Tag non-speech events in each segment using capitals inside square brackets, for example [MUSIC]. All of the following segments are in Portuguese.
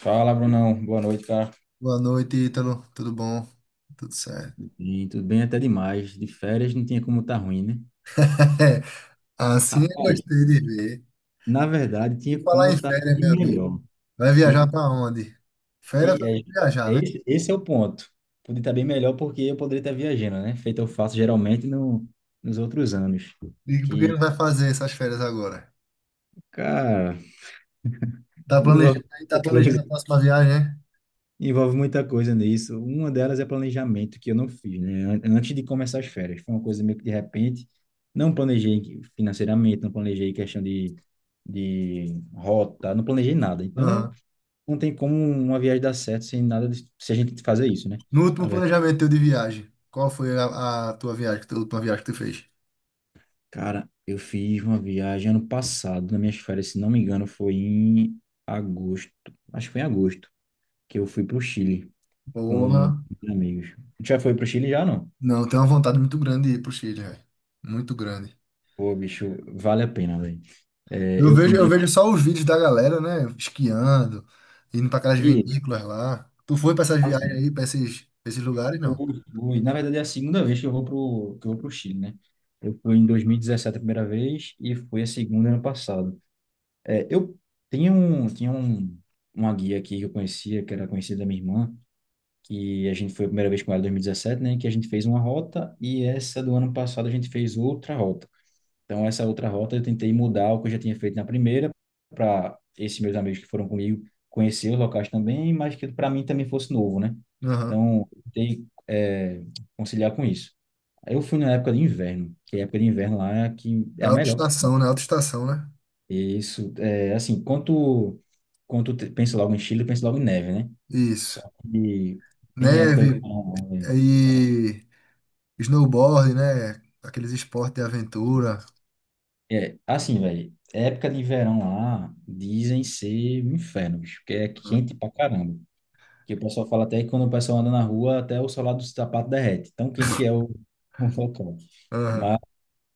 Fala, Brunão. Boa noite, cara. Boa noite, Ítalo. Tudo bom? Tudo certo. Sim, tudo bem até demais. De férias não tinha como estar tá ruim, né? [LAUGHS] Assim eu Rapaz, gostei de ver. na verdade, E tinha falar como em estar férias, de meu amigo. melhor. Vai Tinha... que- viajar pra onde? Férias vai É, ter é- que viajar, é né? esse, esse é o ponto. Podia estar bem melhor porque eu poderia estar viajando, né? Feito eu faço geralmente no, nos outros anos. E por que não Que vai fazer essas férias agora? Cara, Tá planejando, aí tá planejando a [LAUGHS] próxima viagem, né? envolve muita coisa nisso. Uma delas é planejamento, que eu não fiz, né? Antes de começar as férias. Foi uma coisa meio que de repente. Não planejei financeiramente, não planejei questão de rota, não planejei nada. Então, Aham. não tem como uma viagem dar certo sem nada, se a gente fazer isso, né? No último Na verdade, planejamento teu de viagem, qual foi a tua viagem, a última viagem que tu fez? cara, eu fiz uma viagem ano passado, nas minhas férias, se não me engano, foi em agosto. Acho que foi em agosto, que eu fui para o Chile com Porra. amigos. Já foi para o Chile já, não? Não, tenho uma vontade muito grande de ir pro Chile, velho. Muito grande. Pô, bicho, vale a pena, velho. É, Eu eu fui vejo, eu na. vejo só os vídeos da galera, né? Esquiando, indo para aquelas E, vinícolas lá. Tu foi para essas viagens assim, aí, para esses lugares, o- não? Na verdade é a segunda vez que eu vou pro Chile, né? Eu fui em 2017 a primeira vez e fui a segunda ano passado. É, eu tinha um, tinha um, uma guia aqui que eu conhecia, que era conhecida da minha irmã, que a gente foi a primeira vez com ela em 2017, né? Que a gente fez uma rota e essa do ano passado a gente fez outra rota. Então, essa outra rota eu tentei mudar o que eu já tinha feito na primeira, para esses meus amigos que foram comigo conhecer os locais também, mas que para mim também fosse novo, né? Aham. Então, eu tentei conciliar com isso. Aí, eu fui na época de inverno, que a época de inverno lá é a que É é a melhor. autoestação, né? E isso, é, assim, pensa logo em Chile, pensa logo em neve, né? Só Isso. que tem época de Neve verão, né? e snowboard, né? Aqueles esportes de aventura. É, assim, velho, época de verão lá dizem ser um inferno, bicho, porque é quente pra caramba. Que o pessoal fala até que quando o pessoal anda na rua, até o solado do sapato derrete. Tão quente que é o, [LAUGHS] o local. Aham. Mas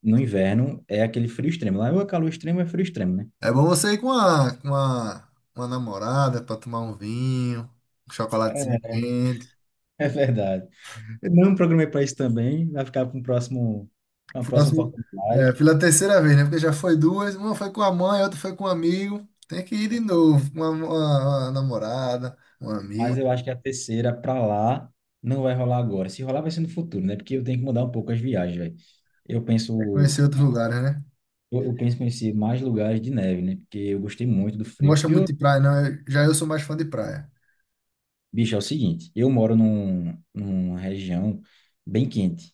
no inverno é aquele frio extremo. Lá ou é calor extremo, ou é frio extremo, né? É [LAUGHS] bom você ir com uma namorada para tomar um vinho, um chocolatezinho quente. É verdade. Eu não programei para isso também, vai ficar para um próximo, uma próxima Próximo, é, oportunidade. pela terceira vez, né? Porque já foi duas, uma foi com a mãe, outra foi com um amigo. Tem que ir de novo, com uma namorada, um Mas amigo, eu acho que a terceira para lá não vai rolar agora. Se rolar, vai ser no futuro, né? Porque eu tenho que mudar um pouco as viagens, velho. Eu é penso conhecer outros lugares, né? eu penso em conhecer mais lugares de neve, né? Porque eu gostei muito do Não frio. gosta muito Frio, de praia, não. Já eu sou mais fã de praia. bicho, é o seguinte, eu moro numa região bem quente,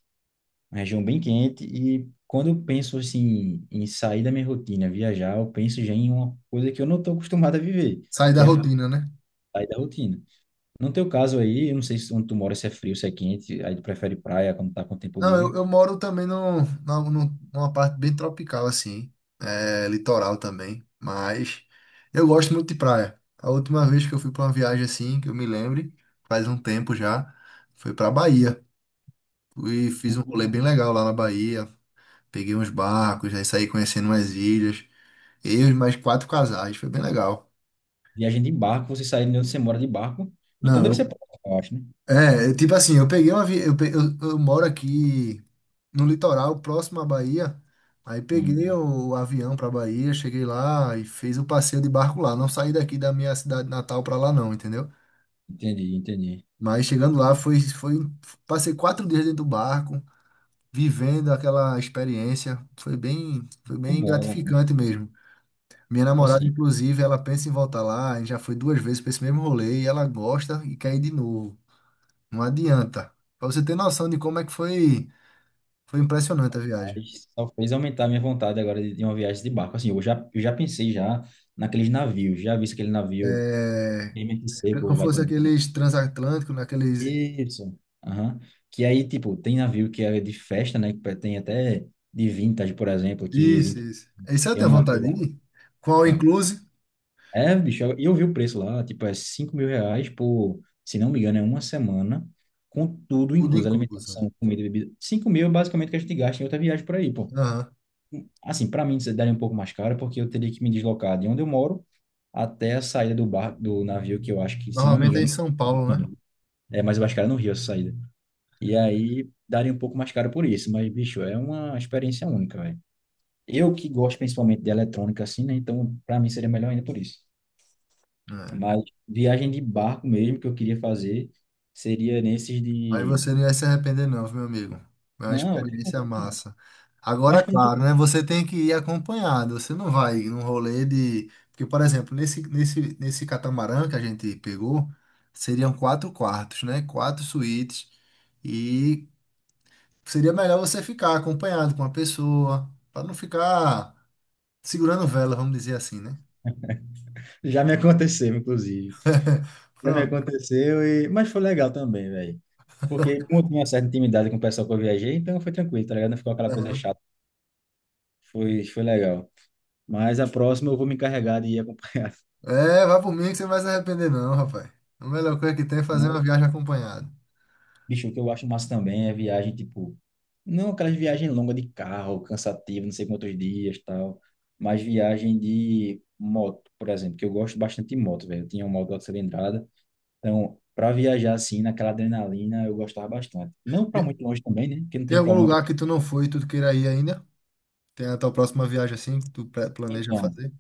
uma região bem quente, e quando eu penso assim em sair da minha rotina, viajar, eu penso já em uma coisa que eu não estou acostumado a viver, Sair que da é rotina, né? sair da rotina. No teu caso aí, eu não sei se onde tu mora, se é frio, se é quente, aí tu prefere praia quando tá com tempo Não, livre. eu moro também numa parte bem tropical, assim, é, litoral também, mas eu gosto muito de praia. A última vez que eu fui para uma viagem assim, que eu me lembre, faz um tempo já, foi para Bahia. E fiz um rolê bem Uhum. legal lá na Bahia. Peguei uns barcos, aí saí conhecendo umas ilhas. Eu e mais quatro casais, foi bem legal. Viagem de barco, você sair de onde você mora de barco, então Não, deve eu- ser próximo, eu acho, né? é, eu- tipo assim, eu peguei uma. Vi- Eu, pe- eu moro aqui no litoral, próximo à Bahia. Aí peguei Hum, o, avião pra Bahia, cheguei lá e fiz o passeio de barco lá. Não saí daqui da minha cidade natal pra lá, não, entendeu? entendi, entendi. Mas chegando lá, passei quatro dias dentro do barco, vivendo aquela experiência. Foi Muito bem bom, mano. Muito gratificante bom. mesmo. Minha namorada, Assim, inclusive, ela pensa em voltar lá, e já foi duas vezes para esse mesmo rolê, e ela gosta e quer ir de novo. Não adianta. Para você ter noção de como é que foi, foi impressionante a viagem. mas só fez aumentar a minha vontade agora de uma viagem de barco. Assim, eu já pensei já naqueles navios, já vi aquele navio É, MTC, é pô, como vai fosse também, né? aqueles transatlânticos, naqueles. Isso. Aham. Que aí, tipo, tem navio que é de festa, né? Que tem até de vintage, por exemplo, que Isso, vintage isso. Isso eu é um tenho navio vontade lá. de ir. Qual Pronto. inclusive? É, bicho, e eu, vi o preço lá, tipo, é R$ 5.000 por, se não me engano, é uma semana, com tudo Tudo incluso, incluso. Né? alimentação, comida e bebida. 5.000 é basicamente o que a gente gasta em outra viagem por aí, pô. Aham. Assim, para mim isso daria um pouco mais caro, porque eu teria que me deslocar de onde eu moro até a saída do bar, do navio, que eu acho que, se não me Normalmente é em engano, São Paulo, né? é mais cara no Rio essa saída. E aí daria um pouco mais caro por isso, mas, bicho, é uma experiência única, velho. Eu que gosto principalmente de eletrônica, assim, né? Então, para mim seria melhor ainda por isso. É. Mas viagem de barco mesmo que eu queria fazer seria nesses Mas de. você não ia se arrepender, não, meu amigo. É uma Não, eu tô experiência falando que não. massa. Mas Agora, como tu. claro, né? Você tem que ir acompanhado. Você não vai num rolê de. Porque, por exemplo, nesse catamarã que a gente pegou, seriam quatro quartos, né? Quatro suítes. E seria melhor você ficar acompanhado com uma pessoa, para não ficar segurando vela, vamos dizer assim, né? Já me aconteceu, inclusive. Já me Pronto. aconteceu e. Mas foi legal também, velho. Porque como eu tinha uma certa intimidade com o pessoal que eu viajei, então foi tranquilo, tá ligado? Não ficou aquela coisa Aham. chata. Foi legal. Mas a próxima eu vou me encarregar de ir acompanhar. [LAUGHS] É, vai por mim que você não vai se arrepender, não, rapaz. A melhor coisa que tem é fazer uma Não, viagem acompanhada. bicho, o que eu acho massa também é viagem, tipo. Não aquelas viagens longas de carro, cansativa, não sei quantos dias tal. Mas viagem de moto, por exemplo, que eu gosto bastante de moto, velho. Eu tinha uma moto de alta cilindrada. Então, para viajar assim, naquela adrenalina, eu gostava bastante. Não para muito longe também, né? Porque não Tem tem algum coluna. Lugar que tu não foi e tu queira ir ainda? Tem a tua próxima viagem assim que planeja Então, fazer?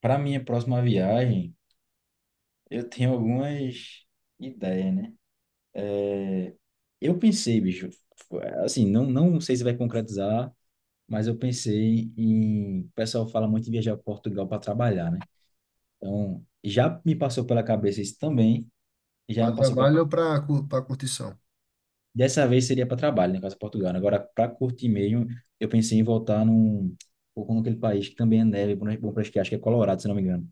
para minha próxima viagem. Eu tenho algumas ideias, né? É, eu pensei, bicho, assim, não, não sei se vai concretizar, mas eu pensei em. O pessoal fala muito em viajar para Portugal para trabalhar, né? Então, já me passou pela cabeça isso também, já Para me passou pela. trabalho ou para curtição? Dessa vez seria para trabalho, né? Caso Portugal, né? Agora, para curtir mesmo, eu pensei em voltar num. Ou naquele país que também é neve, bom para esquiar, acho que é Colorado, se não me engano.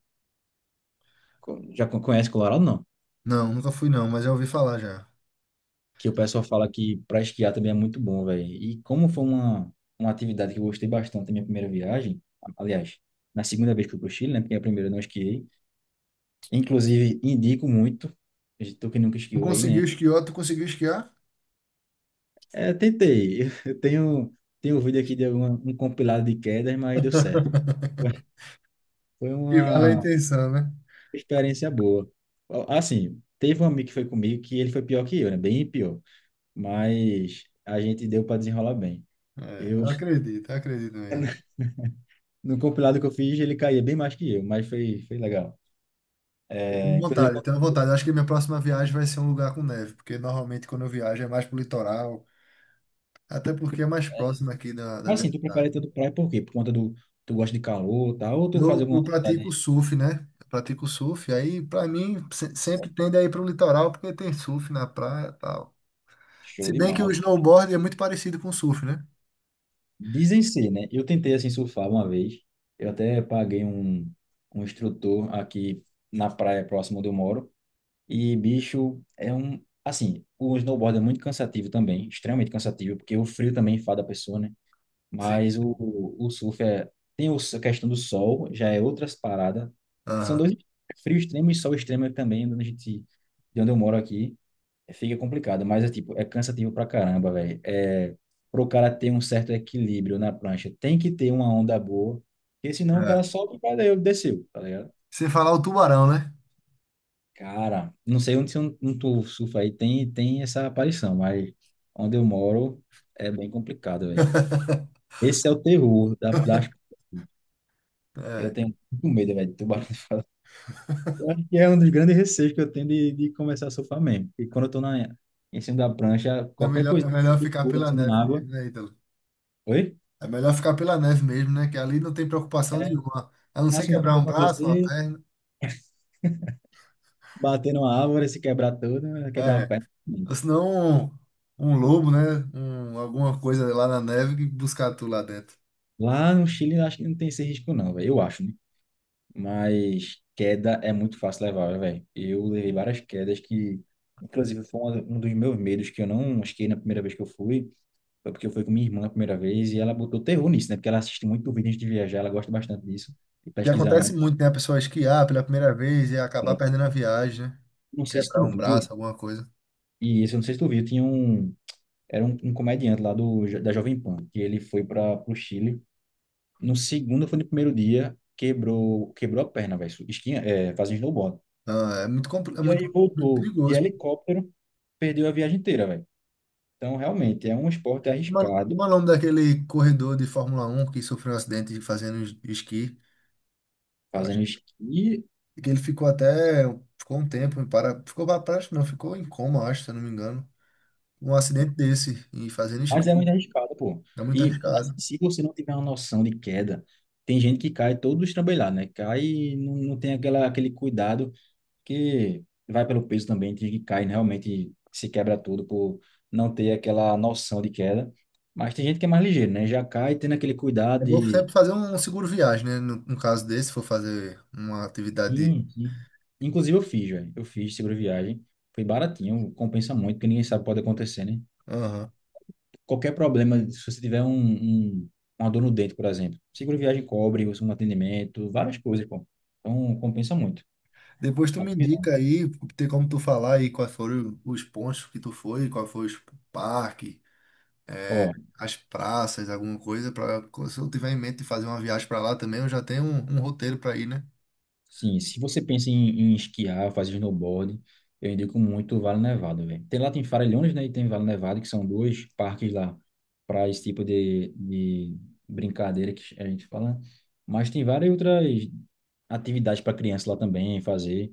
Conhece Colorado, não? Não, nunca fui não, mas já ouvi falar já. Que o pessoal fala que para esquiar também é muito bom, velho. E como foi uma atividade que eu gostei bastante na minha primeira viagem, aliás, na segunda vez que eu fui pro Chile, né? Porque a primeira eu não esquiei. Inclusive, indico muito. Tu que nunca Tu esquiou aí, conseguiu né? esquiar? Tu conseguiu esquiar? É, tentei. [LAUGHS] Eu tenho um vídeo aqui de alguma, um compilado de quedas, mas deu certo. [LAUGHS] Foi Que vale a uma intenção, né? experiência boa. Assim, teve um amigo que foi comigo que ele foi pior que eu, né? Bem pior. Mas a gente deu para desenrolar bem. É, Eu eu acredito, eu acredito mesmo. [LAUGHS] no compilado que eu fiz, ele caía bem mais que eu, mas foi legal. Eu tenho É, inclusive, vontade, eu tenho vontade. Eu acho que minha próxima viagem vai ser um lugar com neve, porque normalmente quando eu viajo é mais pro litoral, até porque é mais próximo aqui da mas minha assim, tu cidade. prefere ter do praia por quê? Por conta do, tu gosta de calor, tá? Ou tu faz Eu, alguma eu pratico atividade surf, né? Eu pratico surf. Aí, pra mim, sempre só tende a ir pro litoral porque tem surf na praia e tal. show Se bem que o demais. snowboard é muito parecido com o surf, né? Dizem ser, né? Eu tentei, assim, surfar uma vez. Eu até paguei um instrutor aqui na praia próxima onde eu moro. E, bicho, é um. Assim, o snowboard é muito cansativo também, extremamente cansativo, porque o frio também enfada a pessoa, né? Sim. Mas o surf é, tem a questão do sol, já é outras paradas. São Aham. dois frio extremo e sol extremo é também, onde a gente, de onde eu moro aqui, é, fica complicado, mas é tipo, é cansativo pra caramba, velho. É, pro cara ter um certo equilíbrio na prancha, tem que ter uma onda boa, porque senão o cara É. solta e valeu, desceu, tá ligado? Sem falar o tubarão, né? Cara, não sei onde tu surfa aí, tem essa aparição, mas onde eu moro é bem complicado, velho. Esse é o terror da, das. Eu É. tenho muito medo, velho, de tubarão. Eu acho que é um dos grandes receios que eu tenho de começar a surfar mesmo. Porque quando eu tô na, em cima da prancha, É qualquer melhor, é coisa melhor que ficar pula pela assim neve na água. mesmo, né, Ítalo? Oi? É melhor ficar pela neve mesmo, né? Que ali não tem preocupação É, nenhuma. A o não ser máximo que quebrar pode um braço, uma acontecer, perna. bater numa árvore, se quebrar toda, quebrar uma É. perna. Ou senão um lobo, né? Um, alguma coisa lá na neve que buscar tu lá dentro. Lá no Chile, eu acho que não tem esse risco, não, velho. Eu acho, né? Mas queda é muito fácil levar, velho. Eu levei várias quedas que, inclusive, foi um dos meus medos que eu não esquei na primeira vez que eu fui. Foi porque eu fui com minha irmã a primeira vez e ela botou terror nisso, né? Porque ela assiste muito vídeo antes de viajar, ela gosta bastante disso, de Que pesquisar acontece antes. muito, né? A pessoa esquiar pela primeira vez e acabar perdendo a viagem, né? Não sei se Quebrar tu um viu, braço, alguma coisa. e esse eu não sei se tu viu, tinha um, era um comediante lá da Jovem Pan, que ele foi para o Chile. No segundo, foi no primeiro dia, quebrou a perna, velho, esquinha, fazendo snowboard. Não, E aí muito voltou de perigoso. helicóptero, perdeu a viagem inteira, velho. Então, realmente, é um esporte Uma arriscado, como é o nome daquele corredor de Fórmula um que sofreu um acidente fazendo esqui? Acho fazendo esqui. que ele ficou até, ficou um tempo, ficou para prática, não, ficou em coma, acho, se eu não me engano. Um acidente desse, e fazendo Mas esqui. é muito arriscado, pô. É muito E assim, arriscado. se você não tiver uma noção de queda, tem gente que cai todo estrambelhado, né? Cai e não tem aquela, aquele cuidado que vai pelo peso também, tem gente que cai realmente se quebra tudo por não ter aquela noção de queda. Mas tem gente que é mais ligeiro, né? Já cai tendo aquele cuidado É bom de. sempre fazer um seguro viagem, né? No caso desse, se for fazer uma atividade. Sim, sim. Inclusive eu fiz, velho. Eu fiz seguro viagem. Foi baratinho, compensa muito, porque ninguém sabe o que pode acontecer, né? Aham. Qualquer problema, se você tiver uma dor no dente, por exemplo, seguro viagem cobre, um atendimento, várias coisas, pô. Então, compensa muito. Depois tu Na me minha visão. indica aí, tem como tu falar aí quais foram os pontos que tu foi, qual foi os parques, Ó, as praças, alguma coisa, para se eu tiver em mente de fazer uma viagem para lá também, eu já tenho um roteiro para ir, né? sim, se você pensa em esquiar, fazer snowboard, eu indico muito o Vale Nevado, velho. Tem Farellones, né, e tem Vale Nevado, que são dois parques lá para esse tipo de brincadeira que a gente fala, né? Mas tem várias outras atividades para criança lá também fazer.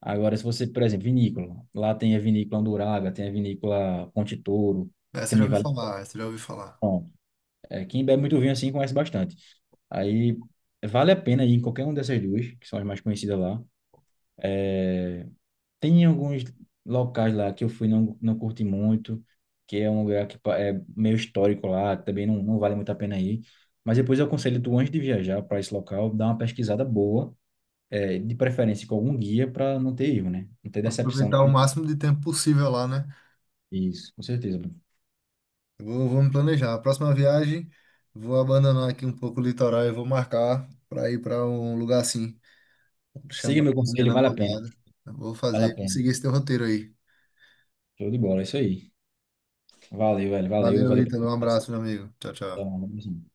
Agora, se você, por exemplo, vinícola, lá tem a vinícola Anduraga, tem a vinícola Ponte Touro, Essa eu já também ouvi vale. falar, essa eu já ouvi falar. Bom, quem bebe muito vinho assim conhece bastante. Aí vale a pena ir em qualquer uma dessas duas, que são as mais conhecidas lá. É, tem alguns locais lá que eu fui não curti muito, que é um lugar que é meio histórico lá, também não vale muito a pena ir. Mas depois eu aconselho tu antes de viajar para esse local, dar uma pesquisada boa, de preferência com algum guia para não ter erro, né? Não ter decepção. Aproveitar o máximo de tempo possível lá, né? Isso, com certeza. Bruno. Eu vou me planejar. A próxima viagem, vou abandonar aqui um pouco o litoral e vou marcar para ir para um lugar assim, Siga chamar meu a minha conselho, vale a pena. namorada. Eu Vou Vale a fazer, vou pena. seguir esse teu roteiro aí. Show de bola, é isso aí. Valeu, velho. Valeu, Valeu, valeu pela Ítalo. Um conversa. abraço, meu amigo. Tchau, Até tchau. uma próxima.